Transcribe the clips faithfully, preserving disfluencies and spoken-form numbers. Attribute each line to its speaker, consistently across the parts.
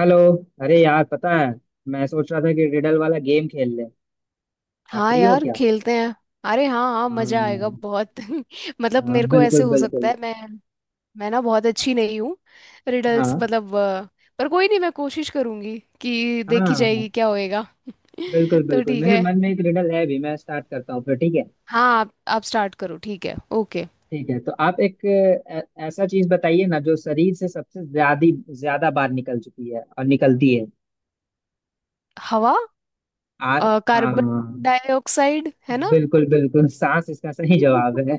Speaker 1: Hello. अरे यार पता है, मैं सोच रहा था कि रिडल वाला गेम खेल ले। आप
Speaker 2: हाँ
Speaker 1: फ्री हो
Speaker 2: यार,
Speaker 1: क्या?
Speaker 2: खेलते हैं। अरे हाँ हाँ, मजा आएगा
Speaker 1: हाँ,
Speaker 2: बहुत। मतलब
Speaker 1: हाँ
Speaker 2: मेरे को ऐसे
Speaker 1: बिल्कुल
Speaker 2: हो सकता
Speaker 1: बिल्कुल।
Speaker 2: है, मैं मैं ना बहुत अच्छी नहीं हूँ। रिडल्स,
Speaker 1: हाँ।
Speaker 2: मतलब अ, पर कोई नहीं, मैं कोशिश करूंगी कि
Speaker 1: हाँ
Speaker 2: देखी
Speaker 1: हाँ
Speaker 2: जाएगी क्या होएगा।
Speaker 1: बिल्कुल
Speaker 2: तो
Speaker 1: बिल्कुल।
Speaker 2: ठीक
Speaker 1: मेरे
Speaker 2: है।
Speaker 1: मन में एक रिडल है भी, मैं स्टार्ट करता हूँ फिर, ठीक है?
Speaker 2: हाँ, आप आप स्टार्ट करो। ठीक है, ओके।
Speaker 1: ठीक है, तो आप एक अ, ऐसा चीज बताइए ना जो शरीर से सबसे ज्यादा ज्यादा बार निकल चुकी है और निकलती है।
Speaker 2: हवा।
Speaker 1: आ।
Speaker 2: अ,
Speaker 1: हाँ
Speaker 2: कार्बन डाइऑक्साइड है ना।
Speaker 1: बिल्कुल बिल्कुल, सांस इसका सही जवाब है।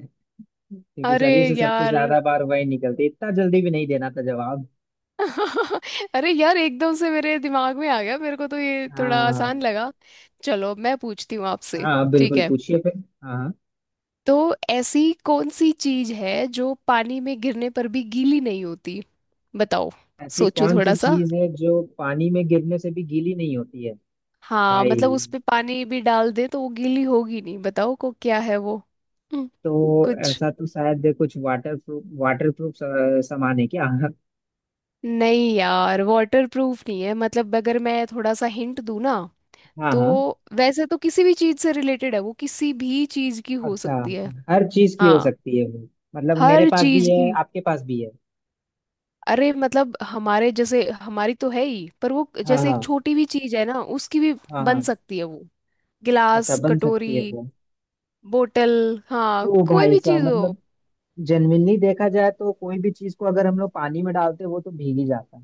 Speaker 1: क्योंकि
Speaker 2: अरे
Speaker 1: शरीर से सबसे
Speaker 2: यार।
Speaker 1: ज्यादा बार वही निकलती है। इतना जल्दी भी नहीं देना था जवाब।
Speaker 2: अरे यार, एकदम से मेरे दिमाग में आ गया। मेरे को तो ये थोड़ा
Speaker 1: हाँ।
Speaker 2: आसान लगा। चलो, मैं पूछती हूँ आपसे।
Speaker 1: हाँ
Speaker 2: ठीक
Speaker 1: बिल्कुल
Speaker 2: है,
Speaker 1: पूछिए फिर। हाँ हाँ।
Speaker 2: तो ऐसी कौन सी चीज है जो पानी में गिरने पर भी गीली नहीं होती? बताओ।
Speaker 1: ऐसी
Speaker 2: सोचो
Speaker 1: कौन
Speaker 2: थोड़ा
Speaker 1: सी
Speaker 2: सा।
Speaker 1: चीज है जो पानी में गिरने से भी गीली नहीं होती है?
Speaker 2: हाँ
Speaker 1: भाई,
Speaker 2: मतलब, उस पे पानी भी डाल दे तो वो गीली होगी नहीं, बताओ को क्या है वो। हम्म,
Speaker 1: तो
Speaker 2: कुछ।
Speaker 1: ऐसा तो शायद कुछ वाटर प्रूफ वाटर प्रूफ सामान है क्या?
Speaker 2: नहीं यार, वाटर प्रूफ नहीं है। मतलब, अगर मैं थोड़ा सा हिंट दूँ ना,
Speaker 1: हाँ
Speaker 2: तो
Speaker 1: हाँ।
Speaker 2: वैसे तो किसी भी चीज से रिलेटेड है वो, किसी भी चीज की हो
Speaker 1: अच्छा,
Speaker 2: सकती है।
Speaker 1: हर चीज की हो
Speaker 2: हाँ,
Speaker 1: सकती है वो? मतलब मेरे
Speaker 2: हर
Speaker 1: पास भी
Speaker 2: चीज
Speaker 1: है
Speaker 2: की।
Speaker 1: आपके पास भी है?
Speaker 2: अरे मतलब हमारे जैसे, हमारी तो है ही, पर वो
Speaker 1: हाँ
Speaker 2: जैसे एक
Speaker 1: हाँ।
Speaker 2: छोटी भी चीज है ना उसकी भी
Speaker 1: हाँ
Speaker 2: बन
Speaker 1: हाँ।
Speaker 2: सकती है वो।
Speaker 1: अच्छा,
Speaker 2: गिलास,
Speaker 1: बन
Speaker 2: कटोरी,
Speaker 1: सकती है वो?
Speaker 2: बोतल। हाँ,
Speaker 1: ओ
Speaker 2: कोई
Speaker 1: भाई
Speaker 2: भी
Speaker 1: साहब,
Speaker 2: चीज हो।
Speaker 1: मतलब जेन्युइनली देखा जाए तो कोई भी चीज को अगर हम लोग पानी में डालते वो तो भीग ही जाता है।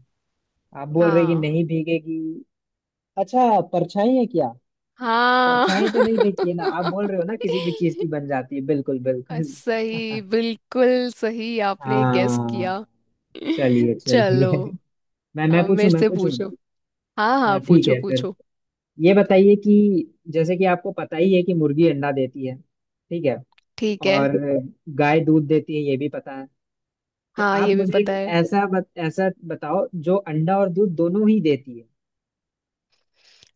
Speaker 1: आप बोल रहे कि
Speaker 2: हाँ
Speaker 1: नहीं भीगेगी? अच्छा, परछाई है क्या?
Speaker 2: हाँ।
Speaker 1: परछाई तो नहीं फेंकती है ना, आप बोल रहे हो ना किसी भी चीज की बन जाती है, बिल्कुल बिल्कुल।
Speaker 2: सही, बिल्कुल सही आपने गेस
Speaker 1: हाँ।
Speaker 2: किया।
Speaker 1: चलिए
Speaker 2: चलो,
Speaker 1: चलिए। मैं मैं
Speaker 2: अब
Speaker 1: पूछूं
Speaker 2: मेरे
Speaker 1: मैं
Speaker 2: से
Speaker 1: पूछूं।
Speaker 2: पूछो। हाँ हाँ,
Speaker 1: हाँ ठीक
Speaker 2: पूछो
Speaker 1: है फिर।
Speaker 2: पूछो।
Speaker 1: ये बताइए कि जैसे कि आपको पता ही है कि मुर्गी अंडा देती है, ठीक है?
Speaker 2: ठीक है।
Speaker 1: और गाय दूध देती है, ये भी पता है। तो
Speaker 2: हाँ,
Speaker 1: आप
Speaker 2: ये भी
Speaker 1: मुझे
Speaker 2: पता
Speaker 1: एक
Speaker 2: है।
Speaker 1: ऐसा बत, ऐसा बताओ जो अंडा और दूध दोनों ही देती है।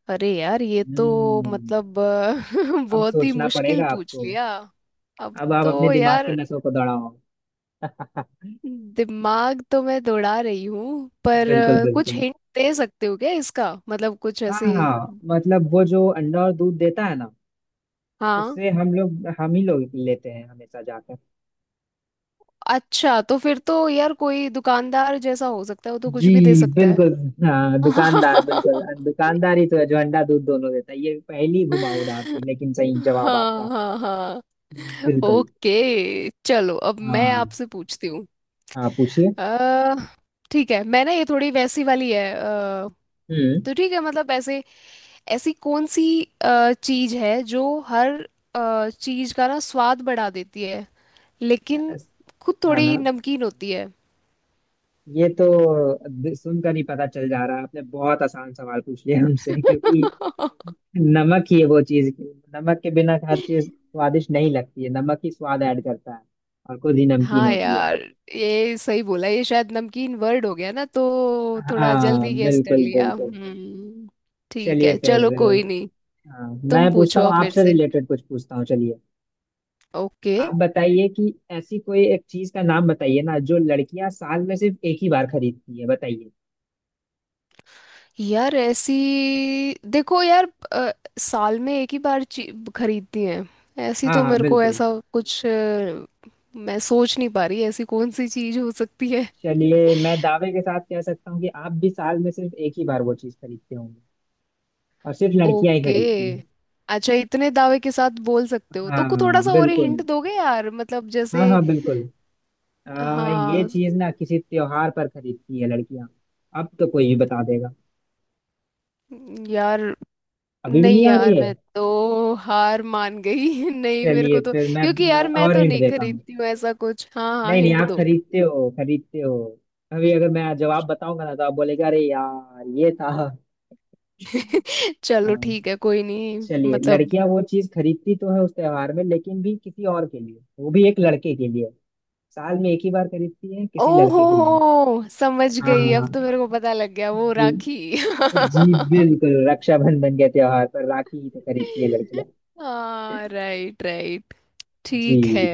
Speaker 2: अरे यार, ये तो
Speaker 1: हम्म।
Speaker 2: मतलब अ,
Speaker 1: अब
Speaker 2: बहुत ही
Speaker 1: सोचना
Speaker 2: मुश्किल
Speaker 1: पड़ेगा
Speaker 2: पूछ
Speaker 1: आपको।
Speaker 2: लिया। अब
Speaker 1: अब आप अपने
Speaker 2: तो
Speaker 1: दिमाग की
Speaker 2: यार,
Speaker 1: नसों को दौड़ाओ।
Speaker 2: दिमाग तो मैं दौड़ा रही हूँ, पर
Speaker 1: बिल्कुल
Speaker 2: अ, कुछ
Speaker 1: बिल्कुल।
Speaker 2: हिंट दे सकते हो क्या इसका? मतलब, कुछ
Speaker 1: हाँ
Speaker 2: ऐसे।
Speaker 1: हाँ, मतलब वो जो अंडा और दूध देता है ना,
Speaker 2: हाँ।
Speaker 1: उससे हम लोग हम ही लोग लेते हैं हमेशा जाकर।
Speaker 2: अच्छा, तो फिर तो यार कोई दुकानदार जैसा हो सकता है, वो तो कुछ
Speaker 1: जी।
Speaker 2: भी दे सकता है।
Speaker 1: बिल्कुल। हाँ, दुकानदार बिल्कुल, दुकानदार ही तो है जो अंडा दूध दोनों देता है। ये पहली घुमावदार थी लेकिन सही जवाब आपका।
Speaker 2: हाँ हाँ हाँ।
Speaker 1: बिल्कुल।
Speaker 2: ओके चलो, अब मैं
Speaker 1: हाँ
Speaker 2: आपसे पूछती हूँ।
Speaker 1: हाँ पूछिए।
Speaker 2: अ, ठीक है, मैं ना ये थोड़ी वैसी वाली है, अ,
Speaker 1: हम्म।
Speaker 2: तो ठीक है। मतलब ऐसे, ऐसी कौन सी अ, चीज है जो हर अ, चीज का ना स्वाद बढ़ा देती है, लेकिन खुद
Speaker 1: हाँ
Speaker 2: थोड़ी
Speaker 1: हाँ,
Speaker 2: नमकीन होती है।
Speaker 1: ये तो सुनकर ही पता चल जा रहा है, आपने बहुत आसान सवाल पूछ लिया हमसे, क्योंकि नमक ही है वो चीज की। नमक के बिना हर चीज स्वादिष्ट नहीं लगती है, नमक ही स्वाद ऐड करता है। और खुद ही नमकीन
Speaker 2: हाँ
Speaker 1: होती है।
Speaker 2: यार, ये सही बोला। ये शायद नमकीन वर्ड हो गया ना, तो थोड़ा
Speaker 1: हाँ
Speaker 2: जल्दी गेस कर
Speaker 1: बिल्कुल
Speaker 2: लिया।
Speaker 1: बिल्कुल।
Speaker 2: हम्म, ठीक
Speaker 1: चलिए
Speaker 2: है,
Speaker 1: फिर।
Speaker 2: चलो कोई नहीं।
Speaker 1: हाँ,
Speaker 2: तुम
Speaker 1: मैं पूछता
Speaker 2: पूछो
Speaker 1: हूँ
Speaker 2: अब मेरे
Speaker 1: आपसे,
Speaker 2: से।
Speaker 1: रिलेटेड कुछ पूछता हूँ, चलिए।
Speaker 2: ओके।
Speaker 1: आप बताइए कि ऐसी कोई एक चीज का नाम बताइए ना जो लड़कियां साल में सिर्फ एक ही बार खरीदती है, बताइए।
Speaker 2: यार ऐसी, देखो यार, अ, साल में एक ही बार ची- खरीदती हैं? ऐसी
Speaker 1: हाँ
Speaker 2: तो
Speaker 1: हाँ
Speaker 2: मेरे को,
Speaker 1: बिल्कुल।
Speaker 2: ऐसा कुछ अ, मैं सोच नहीं पा रही ऐसी कौन सी चीज हो सकती है।
Speaker 1: चलिए, मैं दावे के साथ कह सकता हूँ कि आप भी साल में सिर्फ एक ही बार वो चीज खरीदते होंगे। और सिर्फ लड़कियां ही
Speaker 2: ओके।
Speaker 1: खरीदती है।
Speaker 2: अच्छा, इतने दावे के साथ बोल सकते हो, तो को थोड़ा
Speaker 1: हाँ
Speaker 2: सा और
Speaker 1: बिल्कुल।
Speaker 2: हिंट दोगे यार? मतलब
Speaker 1: हाँ
Speaker 2: जैसे।
Speaker 1: हाँ बिल्कुल। आ, ये
Speaker 2: हाँ।
Speaker 1: चीज ना किसी त्योहार पर खरीदती है लड़कियां। अब तो कोई भी बता देगा।
Speaker 2: यार,
Speaker 1: अभी भी
Speaker 2: नहीं
Speaker 1: नहीं आ रही
Speaker 2: यार,
Speaker 1: है?
Speaker 2: मैं तो हार मान गई। नहीं, मेरे
Speaker 1: चलिए
Speaker 2: को तो,
Speaker 1: फिर मैं,
Speaker 2: क्योंकि यार
Speaker 1: मैं
Speaker 2: मैं
Speaker 1: और
Speaker 2: तो
Speaker 1: हिंट
Speaker 2: नहीं
Speaker 1: देता हूँ।
Speaker 2: खरीदती हूँ ऐसा कुछ। हाँ हाँ,
Speaker 1: नहीं नहीं,
Speaker 2: हिंट
Speaker 1: आप
Speaker 2: दो।
Speaker 1: खरीदते हो खरीदते हो। अभी अगर मैं जवाब बताऊंगा ना तो आप बोलेगा अरे यार ये था।
Speaker 2: चलो
Speaker 1: हाँ।
Speaker 2: ठीक है, कोई नहीं।
Speaker 1: चलिए,
Speaker 2: मतलब।
Speaker 1: लड़कियां वो चीज खरीदती तो है उस त्योहार में लेकिन भी किसी और के लिए, वो भी एक लड़के के लिए। साल में एक ही बार खरीदती है किसी
Speaker 2: ओहो,
Speaker 1: लड़के के लिए।
Speaker 2: हो समझ
Speaker 1: हाँ हाँ,
Speaker 2: गई,
Speaker 1: हाँ,
Speaker 2: अब तो
Speaker 1: हाँ,
Speaker 2: मेरे को पता लग गया। वो राखी।
Speaker 1: हाँ। जी बिल्कुल, रक्षाबंधन के त्योहार पर राखी ही तो खरीदती है लड़कियां।
Speaker 2: हाँ, राइट राइट।
Speaker 1: जी।
Speaker 2: ठीक है,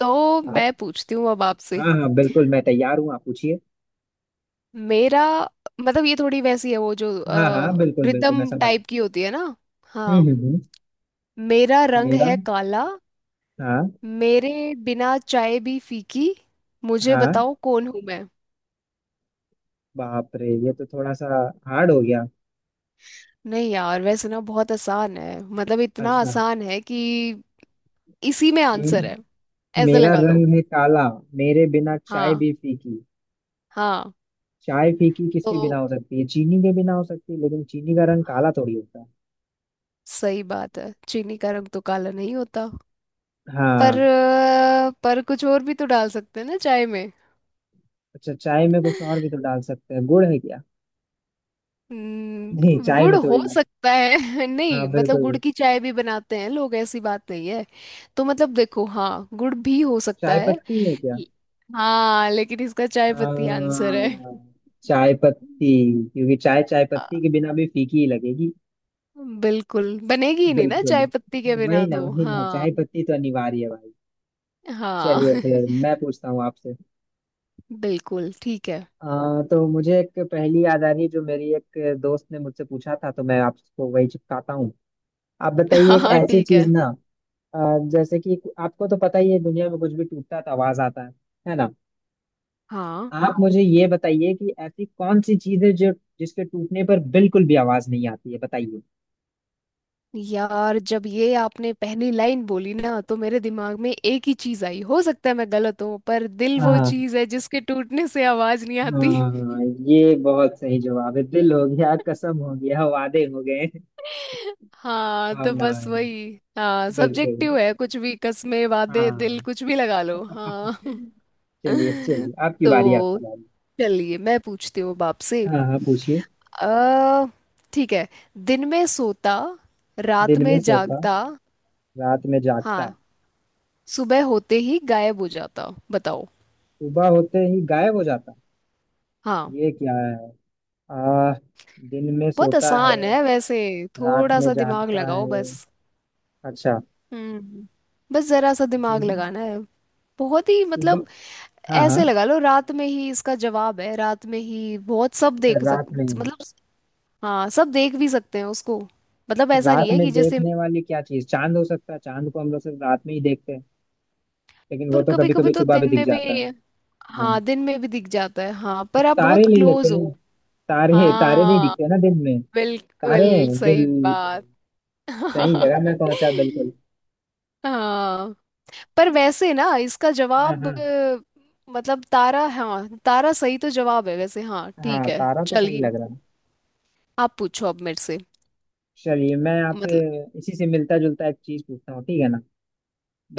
Speaker 2: तो
Speaker 1: आप।
Speaker 2: मैं पूछती हूँ अब आपसे।
Speaker 1: हाँ हाँ बिल्कुल, मैं तैयार हूँ आप पूछिए।
Speaker 2: मेरा, मतलब ये थोड़ी वैसी है, वो जो
Speaker 1: हाँ हाँ बिल्कुल बिल्कुल,
Speaker 2: रिदम
Speaker 1: मैं समझ रहा
Speaker 2: टाइप की होती है ना।
Speaker 1: हूँ।
Speaker 2: हाँ।
Speaker 1: हम्म हम्म हम्म।
Speaker 2: मेरा रंग
Speaker 1: मेरा।
Speaker 2: है काला,
Speaker 1: हाँ।
Speaker 2: मेरे बिना चाय भी फीकी, मुझे
Speaker 1: हाँ।
Speaker 2: बताओ कौन हूँ मैं।
Speaker 1: बाप रे, ये तो थोड़ा सा हार्ड हो गया।
Speaker 2: नहीं यार, वैसे ना बहुत आसान है, मतलब इतना
Speaker 1: अच्छा।
Speaker 2: आसान है कि इसी में
Speaker 1: हम्म।
Speaker 2: आंसर है, ऐसे
Speaker 1: मेरा
Speaker 2: लगा लो।
Speaker 1: रंग है काला, मेरे बिना चाय
Speaker 2: हाँ
Speaker 1: भी फीकी।
Speaker 2: हाँ।
Speaker 1: चाय फीकी किसके
Speaker 2: तो
Speaker 1: बिना हो सकती है? चीनी के बिना हो सकती है लेकिन चीनी का रंग काला थोड़ी होता है।
Speaker 2: सही बात है, चीनी का रंग तो काला नहीं होता, पर
Speaker 1: हाँ।
Speaker 2: अ, पर कुछ और भी तो डाल सकते हैं ना चाय में।
Speaker 1: अच्छा, चाय में कुछ और भी तो डाल सकते हैं, गुड़ है क्या? नहीं,
Speaker 2: हम्म,
Speaker 1: चाय
Speaker 2: गुड़
Speaker 1: में
Speaker 2: हो
Speaker 1: थोड़ी ना।
Speaker 2: सकता है।
Speaker 1: हाँ
Speaker 2: नहीं मतलब,
Speaker 1: बिल्कुल।
Speaker 2: गुड़ की चाय भी बनाते हैं लोग, ऐसी बात नहीं है। तो मतलब देखो, हाँ गुड़ भी हो सकता
Speaker 1: चाय
Speaker 2: है।
Speaker 1: पत्ती है क्या?
Speaker 2: हाँ, लेकिन इसका चाय पत्ती आंसर है।
Speaker 1: हाँ, चाय पत्ती। क्योंकि चाय चाय पत्ती के बिना भी फीकी ही लगेगी।
Speaker 2: बिल्कुल, बनेगी ही नहीं ना
Speaker 1: बिल्कुल।
Speaker 2: चाय पत्ती के
Speaker 1: वही
Speaker 2: बिना,
Speaker 1: ना
Speaker 2: तो
Speaker 1: वही ना
Speaker 2: हाँ।
Speaker 1: चाय पत्ती तो अनिवार्य है भाई।
Speaker 2: हाँ।
Speaker 1: चलिए फिर मैं पूछता हूँ आपसे।
Speaker 2: बिल्कुल, ठीक है।
Speaker 1: आ, तो मुझे एक पहेली याद आ रही है जो मेरी एक दोस्त ने मुझसे पूछा था तो मैं आपको वही चिपकाता हूँ। आप बताइए एक
Speaker 2: हाँ
Speaker 1: ऐसी
Speaker 2: ठीक
Speaker 1: चीज
Speaker 2: है।
Speaker 1: ना, अ, जैसे कि आपको तो पता ही है दुनिया में कुछ भी टूटता है तो आवाज आता है है ना?
Speaker 2: हाँ
Speaker 1: आप मुझे ये बताइए कि ऐसी कौन सी चीज है जो, जिसके टूटने पर बिल्कुल भी आवाज नहीं आती है, बताइए।
Speaker 2: यार, जब ये आपने पहली लाइन बोली ना, तो मेरे दिमाग में एक ही चीज आई, हो सकता है मैं गलत हूँ, पर दिल वो
Speaker 1: हाँ
Speaker 2: चीज है जिसके टूटने से आवाज नहीं आती।
Speaker 1: हाँ। ये बहुत सही जवाब है, दिल हो गया, कसम हो गया, वादे हो गए,
Speaker 2: हाँ तो बस
Speaker 1: भावनाएं।
Speaker 2: वही, हाँ
Speaker 1: बिल्कुल।
Speaker 2: सब्जेक्टिव है, कुछ भी, कस्मे वादे दिल
Speaker 1: हाँ।
Speaker 2: कुछ भी लगा लो। हाँ।
Speaker 1: चलिए चलिए, आपकी बारी
Speaker 2: तो
Speaker 1: आपका बारी।
Speaker 2: चलिए मैं पूछती हूँ बाप से।
Speaker 1: हाँ हाँ पूछिए।
Speaker 2: अ, ठीक है। दिन में सोता, रात
Speaker 1: दिन में
Speaker 2: में
Speaker 1: सोता,
Speaker 2: जागता।
Speaker 1: रात में जागता,
Speaker 2: हाँ, सुबह होते ही गायब हो जाता। बताओ।
Speaker 1: सुबह होते ही गायब हो जाता,
Speaker 2: हाँ,
Speaker 1: ये क्या है? आ। दिन में
Speaker 2: बहुत
Speaker 1: सोता है,
Speaker 2: आसान है वैसे।
Speaker 1: रात
Speaker 2: थोड़ा
Speaker 1: में
Speaker 2: सा दिमाग
Speaker 1: जागता
Speaker 2: लगाओ
Speaker 1: है।
Speaker 2: बस।
Speaker 1: अच्छा।
Speaker 2: हम्म, बस जरा सा दिमाग
Speaker 1: दिन।
Speaker 2: लगाना है। बहुत ही
Speaker 1: सुबह।
Speaker 2: मतलब,
Speaker 1: हाँ हाँ।
Speaker 2: ऐसे लगा लो रात में ही इसका जवाब है, रात में ही बहुत सब
Speaker 1: अच्छा,
Speaker 2: देख सक,
Speaker 1: रात में ही?
Speaker 2: मतलब, हाँ सब देख भी सकते हैं उसको। मतलब
Speaker 1: तो
Speaker 2: ऐसा
Speaker 1: रात
Speaker 2: नहीं है
Speaker 1: में
Speaker 2: कि जैसे,
Speaker 1: देखने वाली क्या चीज, चांद हो सकता है? चांद को हम लोग सिर्फ रात में ही देखते हैं, लेकिन वो
Speaker 2: पर
Speaker 1: तो
Speaker 2: कभी
Speaker 1: कभी
Speaker 2: कभी
Speaker 1: कभी
Speaker 2: तो
Speaker 1: सुबह भी
Speaker 2: दिन
Speaker 1: दिख
Speaker 2: में भी।
Speaker 1: जाता है। हाँ,
Speaker 2: हाँ, दिन में भी दिख जाता है, हाँ,
Speaker 1: तो
Speaker 2: पर आप बहुत
Speaker 1: तारे ले लेते
Speaker 2: क्लोज
Speaker 1: हैं।
Speaker 2: हो।
Speaker 1: तारे तारे नहीं
Speaker 2: हाँ,
Speaker 1: दिखते ना दिन में। तारे
Speaker 2: बिल्कुल
Speaker 1: हैं
Speaker 2: सही
Speaker 1: बिल्कुल।
Speaker 2: बात।
Speaker 1: सही जगह में पहुंचा बिल्कुल।
Speaker 2: हाँ, पर वैसे ना इसका
Speaker 1: हाँ।
Speaker 2: जवाब
Speaker 1: हाँ
Speaker 2: अ, मतलब तारा, हाँ तारा सही तो जवाब है वैसे। हाँ ठीक
Speaker 1: हाँ।
Speaker 2: है,
Speaker 1: तारा तो सही
Speaker 2: चलिए।
Speaker 1: लग रहा है।
Speaker 2: आप पूछो अब मेरे से।
Speaker 1: चलिए मैं आपसे
Speaker 2: मतलब,
Speaker 1: इसी से मिलता जुलता एक चीज पूछता हूँ, ठीक है ना?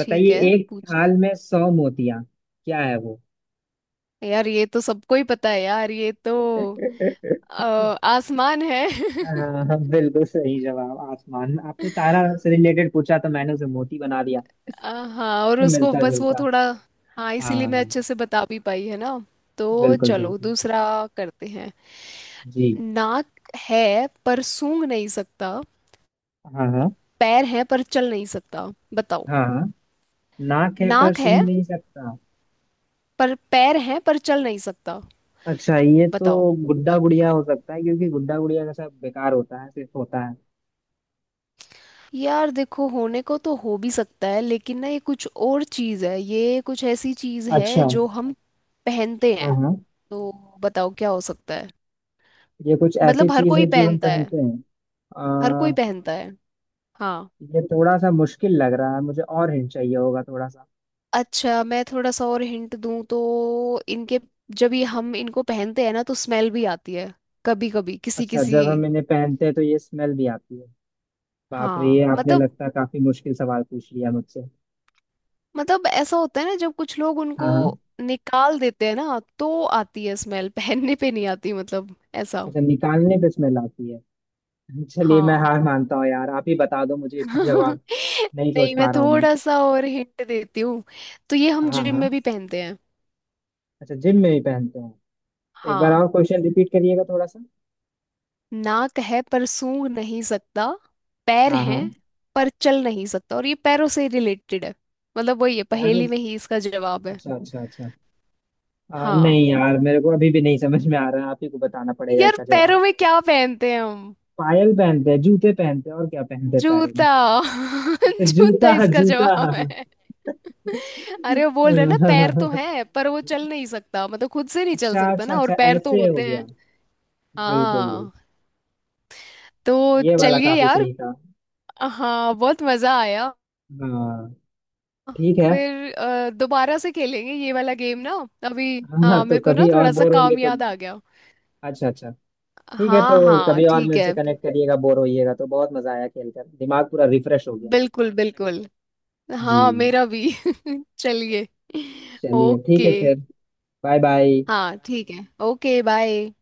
Speaker 2: ठीक है,
Speaker 1: एक
Speaker 2: पूछिए।
Speaker 1: थाल में सौ मोतियां, क्या है वो?
Speaker 2: यार ये तो सबको ही पता है यार, ये तो अ, आसमान है।
Speaker 1: हाँ हाँ, बिल्कुल सही जवाब आसमान। आपने तारा से रिलेटेड पूछा तो मैंने उसे मोती बना दिया।
Speaker 2: आ, हाँ, और
Speaker 1: तो
Speaker 2: उसको
Speaker 1: मिलता
Speaker 2: बस वो
Speaker 1: जुलता।
Speaker 2: थोड़ा, हाँ इसीलिए मैं
Speaker 1: हाँ
Speaker 2: अच्छे से बता भी पाई है ना। तो
Speaker 1: बिल्कुल
Speaker 2: चलो
Speaker 1: बिल्कुल।
Speaker 2: दूसरा करते हैं।
Speaker 1: जी।
Speaker 2: नाक है पर सूंघ नहीं सकता,
Speaker 1: हाँ हाँ।
Speaker 2: पैर है पर चल नहीं सकता। बताओ।
Speaker 1: हाँ हाँ। नाक है पर
Speaker 2: नाक
Speaker 1: सूंघ
Speaker 2: है
Speaker 1: नहीं सकता।
Speaker 2: पर, पैर है पर चल नहीं सकता,
Speaker 1: अच्छा, ये
Speaker 2: बताओ।
Speaker 1: तो गुड्डा गुड़िया हो सकता है, क्योंकि गुड्डा गुड़िया का सब बेकार होता है, सिर्फ होता है।
Speaker 2: यार देखो, होने को तो हो भी सकता है, लेकिन ना ये कुछ और चीज है, ये कुछ ऐसी चीज है
Speaker 1: अच्छा।
Speaker 2: जो हम पहनते
Speaker 1: हाँ
Speaker 2: हैं।
Speaker 1: हाँ।
Speaker 2: तो बताओ क्या हो सकता है।
Speaker 1: ये कुछ ऐसी
Speaker 2: मतलब हर
Speaker 1: चीज है
Speaker 2: कोई
Speaker 1: जो हम
Speaker 2: पहनता है,
Speaker 1: पहनते हैं?
Speaker 2: हर कोई
Speaker 1: आ,
Speaker 2: पहनता है। हाँ।
Speaker 1: ये थोड़ा सा मुश्किल लग रहा है मुझे, और हिंट चाहिए होगा थोड़ा सा।
Speaker 2: अच्छा, मैं थोड़ा सा और हिंट दूं तो, इनके, जब ये हम इनको पहनते हैं ना तो स्मेल भी आती है, कभी कभी किसी
Speaker 1: अच्छा,
Speaker 2: किसी।
Speaker 1: जब हम इन्हें पहनते हैं तो ये स्मेल भी आती है? बाप रे, ये
Speaker 2: हाँ
Speaker 1: आपने
Speaker 2: मतलब,
Speaker 1: लगता है काफी मुश्किल सवाल पूछ लिया मुझसे।
Speaker 2: मतलब ऐसा होता है ना, जब कुछ लोग उनको
Speaker 1: हाँ हाँ।
Speaker 2: निकाल देते हैं ना तो आती है स्मेल, पहनने पे नहीं आती, मतलब ऐसा।
Speaker 1: अच्छा, निकालने पे स्मेल आती है। चलिए मैं
Speaker 2: हाँ।
Speaker 1: हार मानता हूँ यार, आप ही बता दो मुझे इसका जवाब। नहीं सोच
Speaker 2: नहीं, मैं
Speaker 1: पा रहा हूँ मैं।
Speaker 2: थोड़ा सा और हिंट देती हूँ। तो ये हम
Speaker 1: हाँ
Speaker 2: जिम
Speaker 1: हाँ।
Speaker 2: में भी पहनते हैं।
Speaker 1: अच्छा, जिम में भी पहनते हैं। एक बार
Speaker 2: हाँ।
Speaker 1: और क्वेश्चन रिपीट करिएगा थोड़ा सा।
Speaker 2: नाक है पर सूंघ नहीं सकता, पैर
Speaker 1: हाँ हाँ।
Speaker 2: हैं पर चल नहीं सकता, और ये पैरों से रिलेटेड है, मतलब वही है,
Speaker 1: यार
Speaker 2: पहेली
Speaker 1: उस,
Speaker 2: में ही इसका जवाब है।
Speaker 1: अच्छा अच्छा अच्छा। आ,
Speaker 2: हाँ
Speaker 1: नहीं यार मेरे को अभी भी नहीं समझ में आ रहा है, आप ही को बताना पड़ेगा
Speaker 2: यार,
Speaker 1: इसका
Speaker 2: पैरों
Speaker 1: जवाब।
Speaker 2: में क्या पहनते हैं हम?
Speaker 1: पायल पहनते हैं, जूते पहनते हैं, और क्या पहनते हैं पैरों में?
Speaker 2: जूता।
Speaker 1: अच्छा,
Speaker 2: जूता
Speaker 1: जूता
Speaker 2: इसका
Speaker 1: जूता।
Speaker 2: जवाब
Speaker 1: हाँ,
Speaker 2: है। अरे वो बोल रहे
Speaker 1: हाँ,
Speaker 2: ना पैर तो
Speaker 1: हाँ।
Speaker 2: है पर वो चल नहीं सकता, मतलब खुद से नहीं चल
Speaker 1: अच्छा
Speaker 2: सकता
Speaker 1: अच्छा
Speaker 2: ना, और
Speaker 1: अच्छा,
Speaker 2: पैर तो
Speaker 1: ऐसे हो
Speaker 2: होते
Speaker 1: गया।
Speaker 2: हैं।
Speaker 1: बिल्कुल।
Speaker 2: हाँ। तो
Speaker 1: ये वाला
Speaker 2: चलिए
Speaker 1: काफी
Speaker 2: यार।
Speaker 1: सही था।
Speaker 2: हाँ बहुत मजा आया।
Speaker 1: हाँ। ठीक है।
Speaker 2: फिर अ, दोबारा से खेलेंगे ये वाला गेम ना। अभी
Speaker 1: हाँ
Speaker 2: हाँ,
Speaker 1: तो
Speaker 2: मेरे को ना
Speaker 1: कभी और
Speaker 2: थोड़ा सा
Speaker 1: बोर होंगे
Speaker 2: काम
Speaker 1: तो।
Speaker 2: याद आ गया।
Speaker 1: अच्छा अच्छा। ठीक है, तो
Speaker 2: हाँ हाँ
Speaker 1: कभी और
Speaker 2: ठीक
Speaker 1: मेरे से
Speaker 2: है,
Speaker 1: कनेक्ट करिएगा, बोर होइएगा तो। बहुत मजा आया खेलकर, दिमाग पूरा रिफ्रेश हो गया।
Speaker 2: बिल्कुल बिल्कुल। हाँ,
Speaker 1: जी।
Speaker 2: मेरा भी। चलिए,
Speaker 1: चलिए ठीक
Speaker 2: ओके।
Speaker 1: है फिर। Bye bye.
Speaker 2: हाँ ठीक है, ओके बाय।